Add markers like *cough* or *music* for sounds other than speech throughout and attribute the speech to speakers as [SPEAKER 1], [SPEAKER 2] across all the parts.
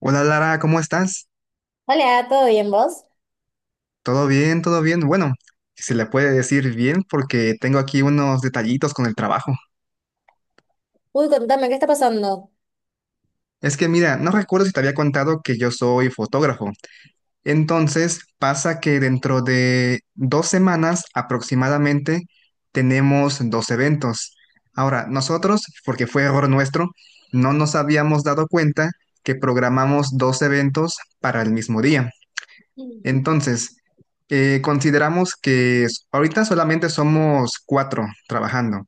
[SPEAKER 1] Hola Lara, ¿cómo estás?
[SPEAKER 2] Hola, ¿todo bien vos?
[SPEAKER 1] ¿Todo bien? ¿Todo bien? Bueno, si se le puede decir bien porque tengo aquí unos detallitos con el trabajo.
[SPEAKER 2] Uy, contame, ¿qué está pasando?
[SPEAKER 1] Es que mira, no recuerdo si te había contado que yo soy fotógrafo. Entonces, pasa que dentro de 2 semanas aproximadamente tenemos dos eventos. Ahora, nosotros, porque fue error nuestro, no nos habíamos dado cuenta que programamos dos eventos para el mismo día.
[SPEAKER 2] Mm.
[SPEAKER 1] Entonces, consideramos que ahorita solamente somos cuatro trabajando,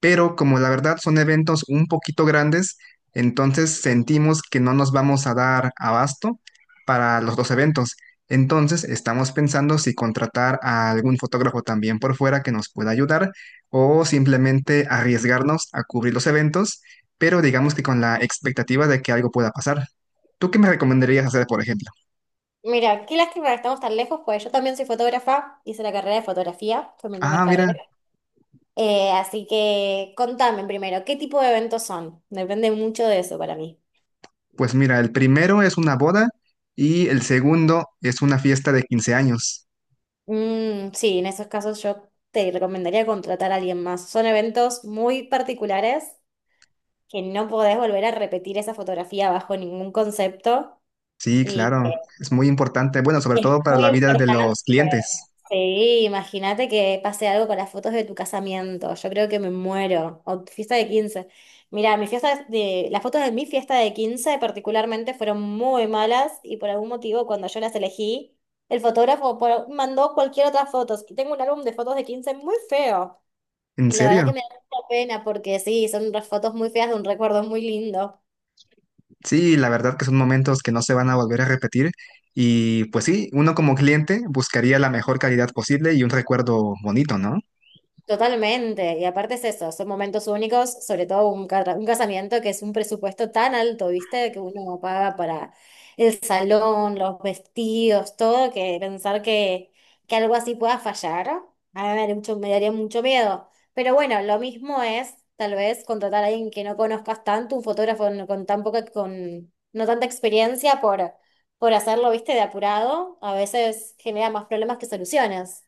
[SPEAKER 1] pero como la verdad son eventos un poquito grandes, entonces sentimos que no nos vamos a dar abasto para los dos eventos. Entonces estamos pensando si contratar a algún fotógrafo también por fuera que nos pueda ayudar o simplemente arriesgarnos a cubrir los eventos, pero digamos que con la expectativa de que algo pueda pasar. ¿Tú qué me recomendarías hacer, por ejemplo?
[SPEAKER 2] Mira, qué lástima que estamos tan lejos, pues yo también soy fotógrafa, hice la carrera de fotografía, fue mi primera
[SPEAKER 1] Ah, mira.
[SPEAKER 2] carrera. Así que contame primero, ¿qué tipo de eventos son? Depende mucho de eso para mí.
[SPEAKER 1] Pues mira, el primero es una boda y el segundo es una fiesta de 15 años.
[SPEAKER 2] Mm, sí, en esos casos yo te recomendaría contratar a alguien más. Son eventos muy particulares que no podés volver a repetir esa fotografía bajo ningún concepto.
[SPEAKER 1] Sí,
[SPEAKER 2] Y
[SPEAKER 1] claro, es muy importante, bueno, sobre
[SPEAKER 2] es
[SPEAKER 1] todo para
[SPEAKER 2] muy
[SPEAKER 1] la vida de
[SPEAKER 2] importante.
[SPEAKER 1] los clientes.
[SPEAKER 2] Sí, imagínate que pase algo con las fotos de tu casamiento. Yo creo que me muero. O tu fiesta de quince. Mira, las fotos de mi fiesta de 15 particularmente fueron muy malas y por algún motivo cuando yo las elegí, mandó cualquier otra fotos. Y tengo un álbum de fotos de 15 muy feo.
[SPEAKER 1] En
[SPEAKER 2] Y la verdad que
[SPEAKER 1] serio,
[SPEAKER 2] me da mucha pena porque sí, son unas fotos muy feas de un recuerdo muy lindo.
[SPEAKER 1] sí, la verdad que son momentos que no se van a volver a repetir y pues sí, uno como cliente buscaría la mejor calidad posible y un recuerdo bonito, ¿no?
[SPEAKER 2] Totalmente, y aparte es eso, son momentos únicos, sobre todo un casamiento que es un presupuesto tan alto, ¿viste? Que uno no paga para el salón, los vestidos, todo, que pensar que algo así pueda fallar, a mí me daría me daría mucho miedo. Pero bueno, lo mismo es tal vez contratar a alguien que no conozcas tanto, un fotógrafo no- con tan con no tanta experiencia por hacerlo, ¿viste? De apurado, a veces genera más problemas que soluciones.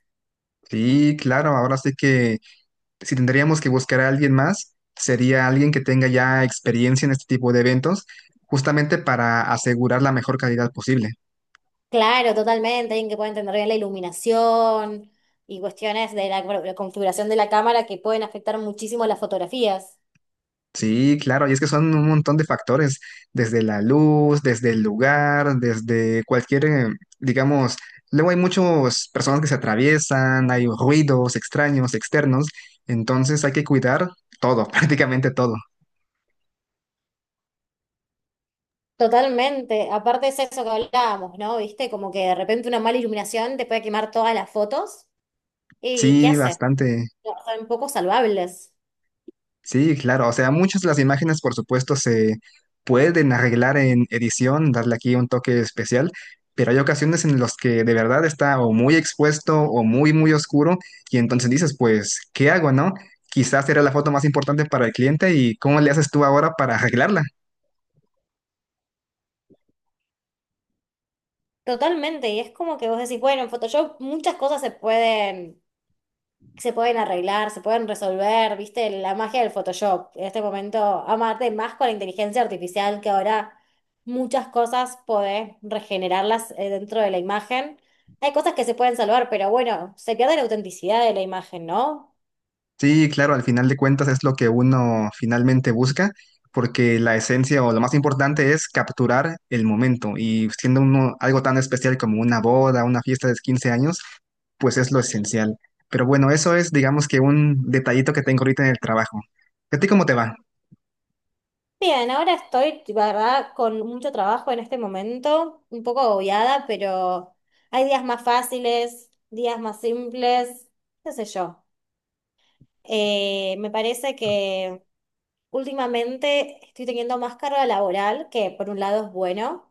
[SPEAKER 1] Sí, claro, ahora sí que si tendríamos que buscar a alguien más, sería alguien que tenga ya experiencia en este tipo de eventos, justamente para asegurar la mejor calidad posible.
[SPEAKER 2] Claro, totalmente, alguien que pueda entender bien la iluminación y cuestiones bueno, la configuración de la cámara que pueden afectar muchísimo las fotografías.
[SPEAKER 1] Sí, claro, y es que son un montón de factores, desde la luz, desde el lugar, desde cualquier, digamos, luego hay muchas personas que se atraviesan, hay ruidos extraños, externos, entonces hay que cuidar todo, *laughs* prácticamente todo.
[SPEAKER 2] Totalmente, aparte es eso que hablábamos, ¿no? ¿Viste? Como que de repente una mala iluminación te puede quemar todas las fotos. Y ¿qué
[SPEAKER 1] Sí,
[SPEAKER 2] hace?
[SPEAKER 1] bastante.
[SPEAKER 2] No, son poco salvables.
[SPEAKER 1] Sí, claro, o sea, muchas de las imágenes, por supuesto, se pueden arreglar en edición, darle aquí un toque especial, pero hay ocasiones en las que de verdad está o muy expuesto o muy, muy oscuro, y entonces dices, pues, ¿qué hago, no? Quizás era la foto más importante para el cliente y ¿cómo le haces tú ahora para arreglarla?
[SPEAKER 2] Totalmente, y es como que vos decís, bueno, en Photoshop muchas cosas se pueden arreglar, se pueden resolver, viste, la magia del Photoshop. En este momento, amarte más con la inteligencia artificial, que ahora muchas cosas podés regenerarlas dentro de la imagen. Hay cosas que se pueden salvar, pero bueno, se pierde la autenticidad de la imagen, ¿no?
[SPEAKER 1] Sí, claro, al final de cuentas es lo que uno finalmente busca, porque la esencia o lo más importante es capturar el momento y siendo uno algo tan especial como una boda, una fiesta de 15 años, pues es lo esencial. Pero bueno, eso es, digamos que un detallito que tengo ahorita en el trabajo. ¿A ti cómo te va?
[SPEAKER 2] Bien, ahora estoy, la verdad, con mucho trabajo en este momento, un poco agobiada, pero hay días más fáciles, días más simples, qué sé yo. Me parece que últimamente estoy teniendo más carga laboral, que por un lado es bueno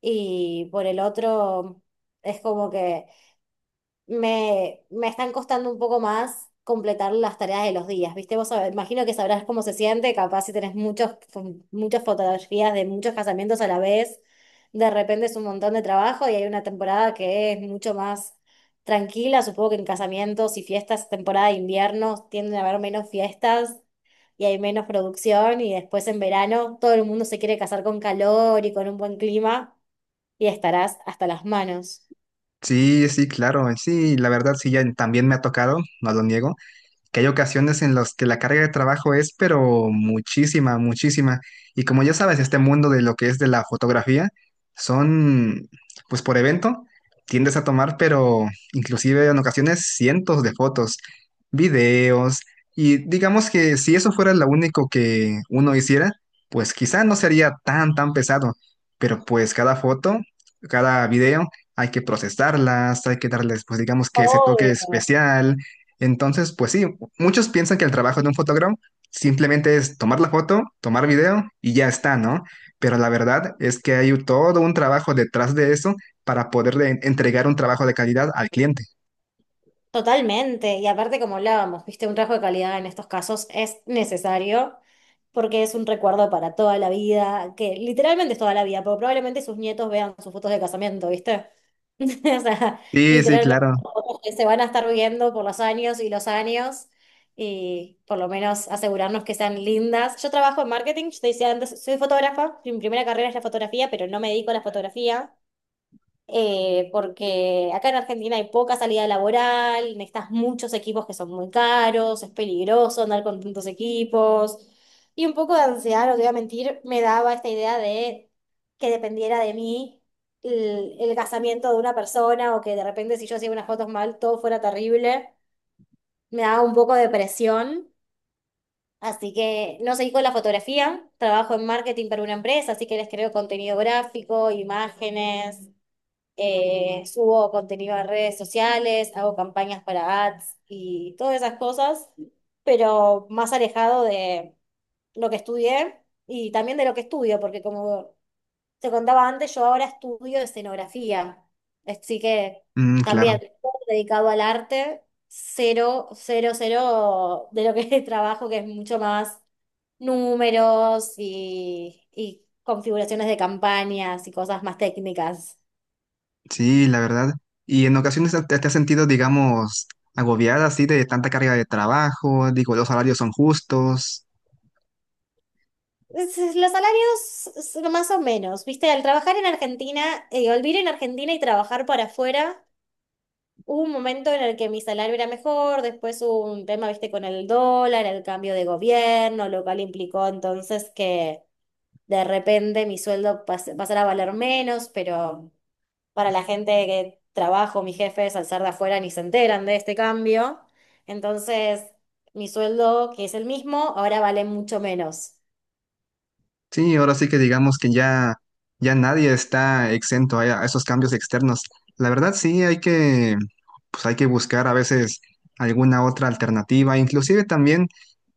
[SPEAKER 2] y por el otro es como que me están costando un poco más completar las tareas de los días, ¿viste? Imagino que sabrás cómo se siente, capaz si tenés muchas fotografías de muchos casamientos a la vez, de repente es un montón de trabajo y hay una temporada que es mucho más tranquila, supongo que en casamientos y fiestas, temporada de invierno, tienden a haber menos fiestas y hay menos producción, y después en verano todo el mundo se quiere casar con calor y con un buen clima y estarás hasta las manos.
[SPEAKER 1] Sí, sí, claro, sí, la verdad sí, ya también me ha tocado, no lo niego, que hay ocasiones en las que la carga de trabajo es, pero muchísima, muchísima. Y como ya sabes, este mundo de lo que es de la fotografía, son, pues por evento, tiendes a tomar, pero inclusive en ocasiones cientos de fotos, videos, y digamos que si eso fuera lo único que uno hiciera, pues quizá no sería tan, tan pesado, pero pues cada foto, cada video, hay que procesarlas, hay que darles, pues digamos que ese toque
[SPEAKER 2] Obvio.
[SPEAKER 1] especial. Entonces, pues sí, muchos piensan que el trabajo de un fotógrafo simplemente es tomar la foto, tomar video y ya está, ¿no? Pero la verdad es que hay todo un trabajo detrás de eso para poderle entregar un trabajo de calidad al cliente.
[SPEAKER 2] Totalmente, y aparte como hablábamos, viste, un rasgo de calidad en estos casos es necesario, porque es un recuerdo para toda la vida, que literalmente es toda la vida, porque probablemente sus nietos vean sus fotos de casamiento, ¿viste? *laughs* O sea,
[SPEAKER 1] Sí, sí,
[SPEAKER 2] literalmente
[SPEAKER 1] claro.
[SPEAKER 2] son fotos que se van a estar viendo por los años y los años, y por lo menos asegurarnos que sean lindas. Yo trabajo en marketing, yo te decía antes, soy fotógrafa, mi primera carrera es la fotografía, pero no me dedico a la fotografía, porque acá en Argentina hay poca salida laboral, necesitas muchos equipos que son muy caros, es peligroso andar con tantos equipos. Y un poco de ansiedad, no te voy a mentir, me daba esta idea de que dependiera de mí el casamiento de una persona, o que de repente si yo hacía unas fotos mal todo fuera terrible. Me daba un poco de presión. Así que no seguí con la fotografía, trabajo en marketing para una empresa, así que les creo contenido gráfico, imágenes, subo contenido a redes sociales, hago campañas para ads y todas esas cosas, pero más alejado de lo que estudié y también de lo que estudio, porque como te contaba antes, yo ahora estudio escenografía, así que
[SPEAKER 1] Mm,
[SPEAKER 2] también
[SPEAKER 1] claro.
[SPEAKER 2] todo dedicado al arte, cero, cero, cero de lo que *laughs* es trabajo, que es mucho más números y configuraciones de campañas y cosas más técnicas.
[SPEAKER 1] Sí, la verdad. Y en ocasiones te, te has sentido, digamos, agobiada así de tanta carga de trabajo, digo, los salarios son justos.
[SPEAKER 2] Los más o menos, viste, al trabajar en Argentina, al vivir en Argentina y trabajar para afuera, hubo un momento en el que mi salario era mejor, después hubo un tema, viste, con el dólar, el cambio de gobierno, lo cual implicó entonces que de repente mi pasara a valer menos, pero para la gente que trabajo, mis jefes, al ser de afuera, ni se enteran de este cambio. Entonces, mi sueldo, que es el mismo, ahora vale mucho menos.
[SPEAKER 1] Sí, ahora sí que digamos que ya, ya nadie está exento a esos cambios externos. La verdad sí hay que, pues hay que buscar a veces alguna otra alternativa, inclusive también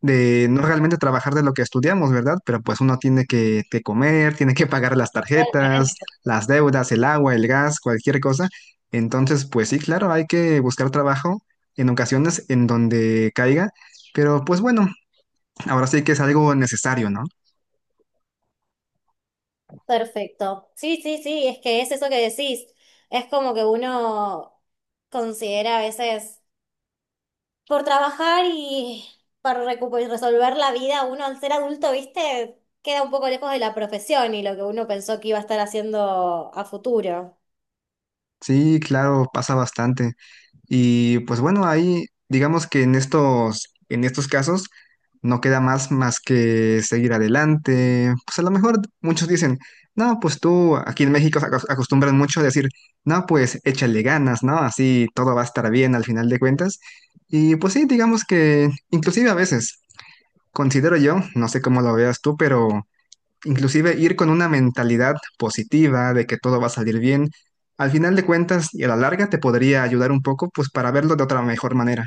[SPEAKER 1] de no realmente trabajar de lo que estudiamos, ¿verdad? Pero pues uno tiene que comer, tiene que pagar las tarjetas, las deudas, el agua, el gas, cualquier cosa. Entonces, pues sí, claro, hay que buscar trabajo en ocasiones en donde caiga, pero pues bueno, ahora sí que es algo necesario, ¿no?
[SPEAKER 2] Perfecto. Sí, sí, sí, es que es eso que decís. Es como que uno considera a veces por trabajar y y resolver la vida, uno al ser adulto, viste, queda un poco lejos de la profesión y lo que uno pensó que iba a estar haciendo a futuro.
[SPEAKER 1] Sí, claro, pasa bastante. Y pues bueno, ahí digamos que en estos casos no queda más que seguir adelante. Pues a lo mejor muchos dicen, no, pues tú aquí en México se acostumbran mucho a decir, no, pues échale ganas, ¿no? Así todo va a estar bien al final de cuentas. Y pues sí, digamos que inclusive a veces considero yo, no sé cómo lo veas tú, pero inclusive ir con una mentalidad positiva de que todo va a salir bien, al final de cuentas y a la larga te podría ayudar un poco, pues para verlo de otra mejor manera.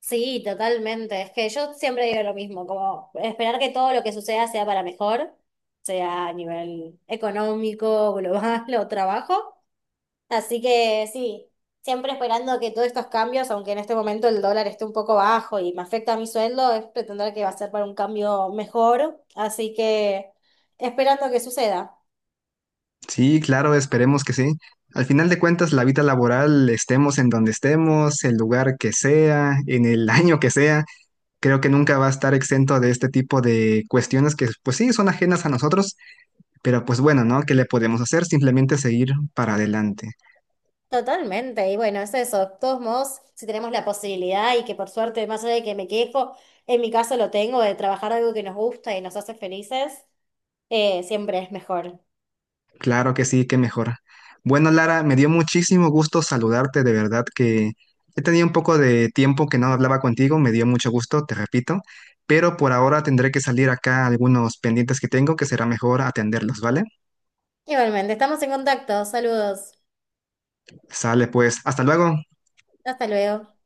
[SPEAKER 2] Sí, totalmente. Es que yo siempre digo lo mismo, como esperar que todo lo que suceda sea para mejor, sea a nivel económico, global *laughs* o trabajo. Así que sí, siempre esperando que todos estos cambios, aunque en este momento el dólar esté un poco bajo y me afecta a mi sueldo, es pretender que va a ser para un cambio mejor. Así que esperando que suceda.
[SPEAKER 1] Sí, claro, esperemos que sí. Al final de cuentas, la vida laboral, estemos en donde estemos, el lugar que sea, en el *laughs* año que sea, creo que nunca va a estar exento de este tipo de cuestiones que, pues sí, son ajenas a nosotros, pero pues bueno, ¿no? ¿Qué le podemos hacer? Simplemente seguir para adelante.
[SPEAKER 2] Totalmente, y bueno, es eso. De todos modos, si tenemos la posibilidad, y que por suerte, más allá de que me quejo, en mi caso lo tengo, de trabajar algo que nos gusta y nos hace felices, siempre es mejor.
[SPEAKER 1] Claro que sí, qué mejor. Bueno, Lara, me dio muchísimo gusto saludarte, de verdad que he tenido un poco de tiempo que no hablaba contigo, me dio mucho gusto, te repito, pero por ahora tendré que salir acá algunos pendientes que tengo, que será mejor atenderlos, ¿vale?
[SPEAKER 2] Igualmente, estamos en contacto. Saludos.
[SPEAKER 1] Sale pues, hasta luego.
[SPEAKER 2] Hasta luego.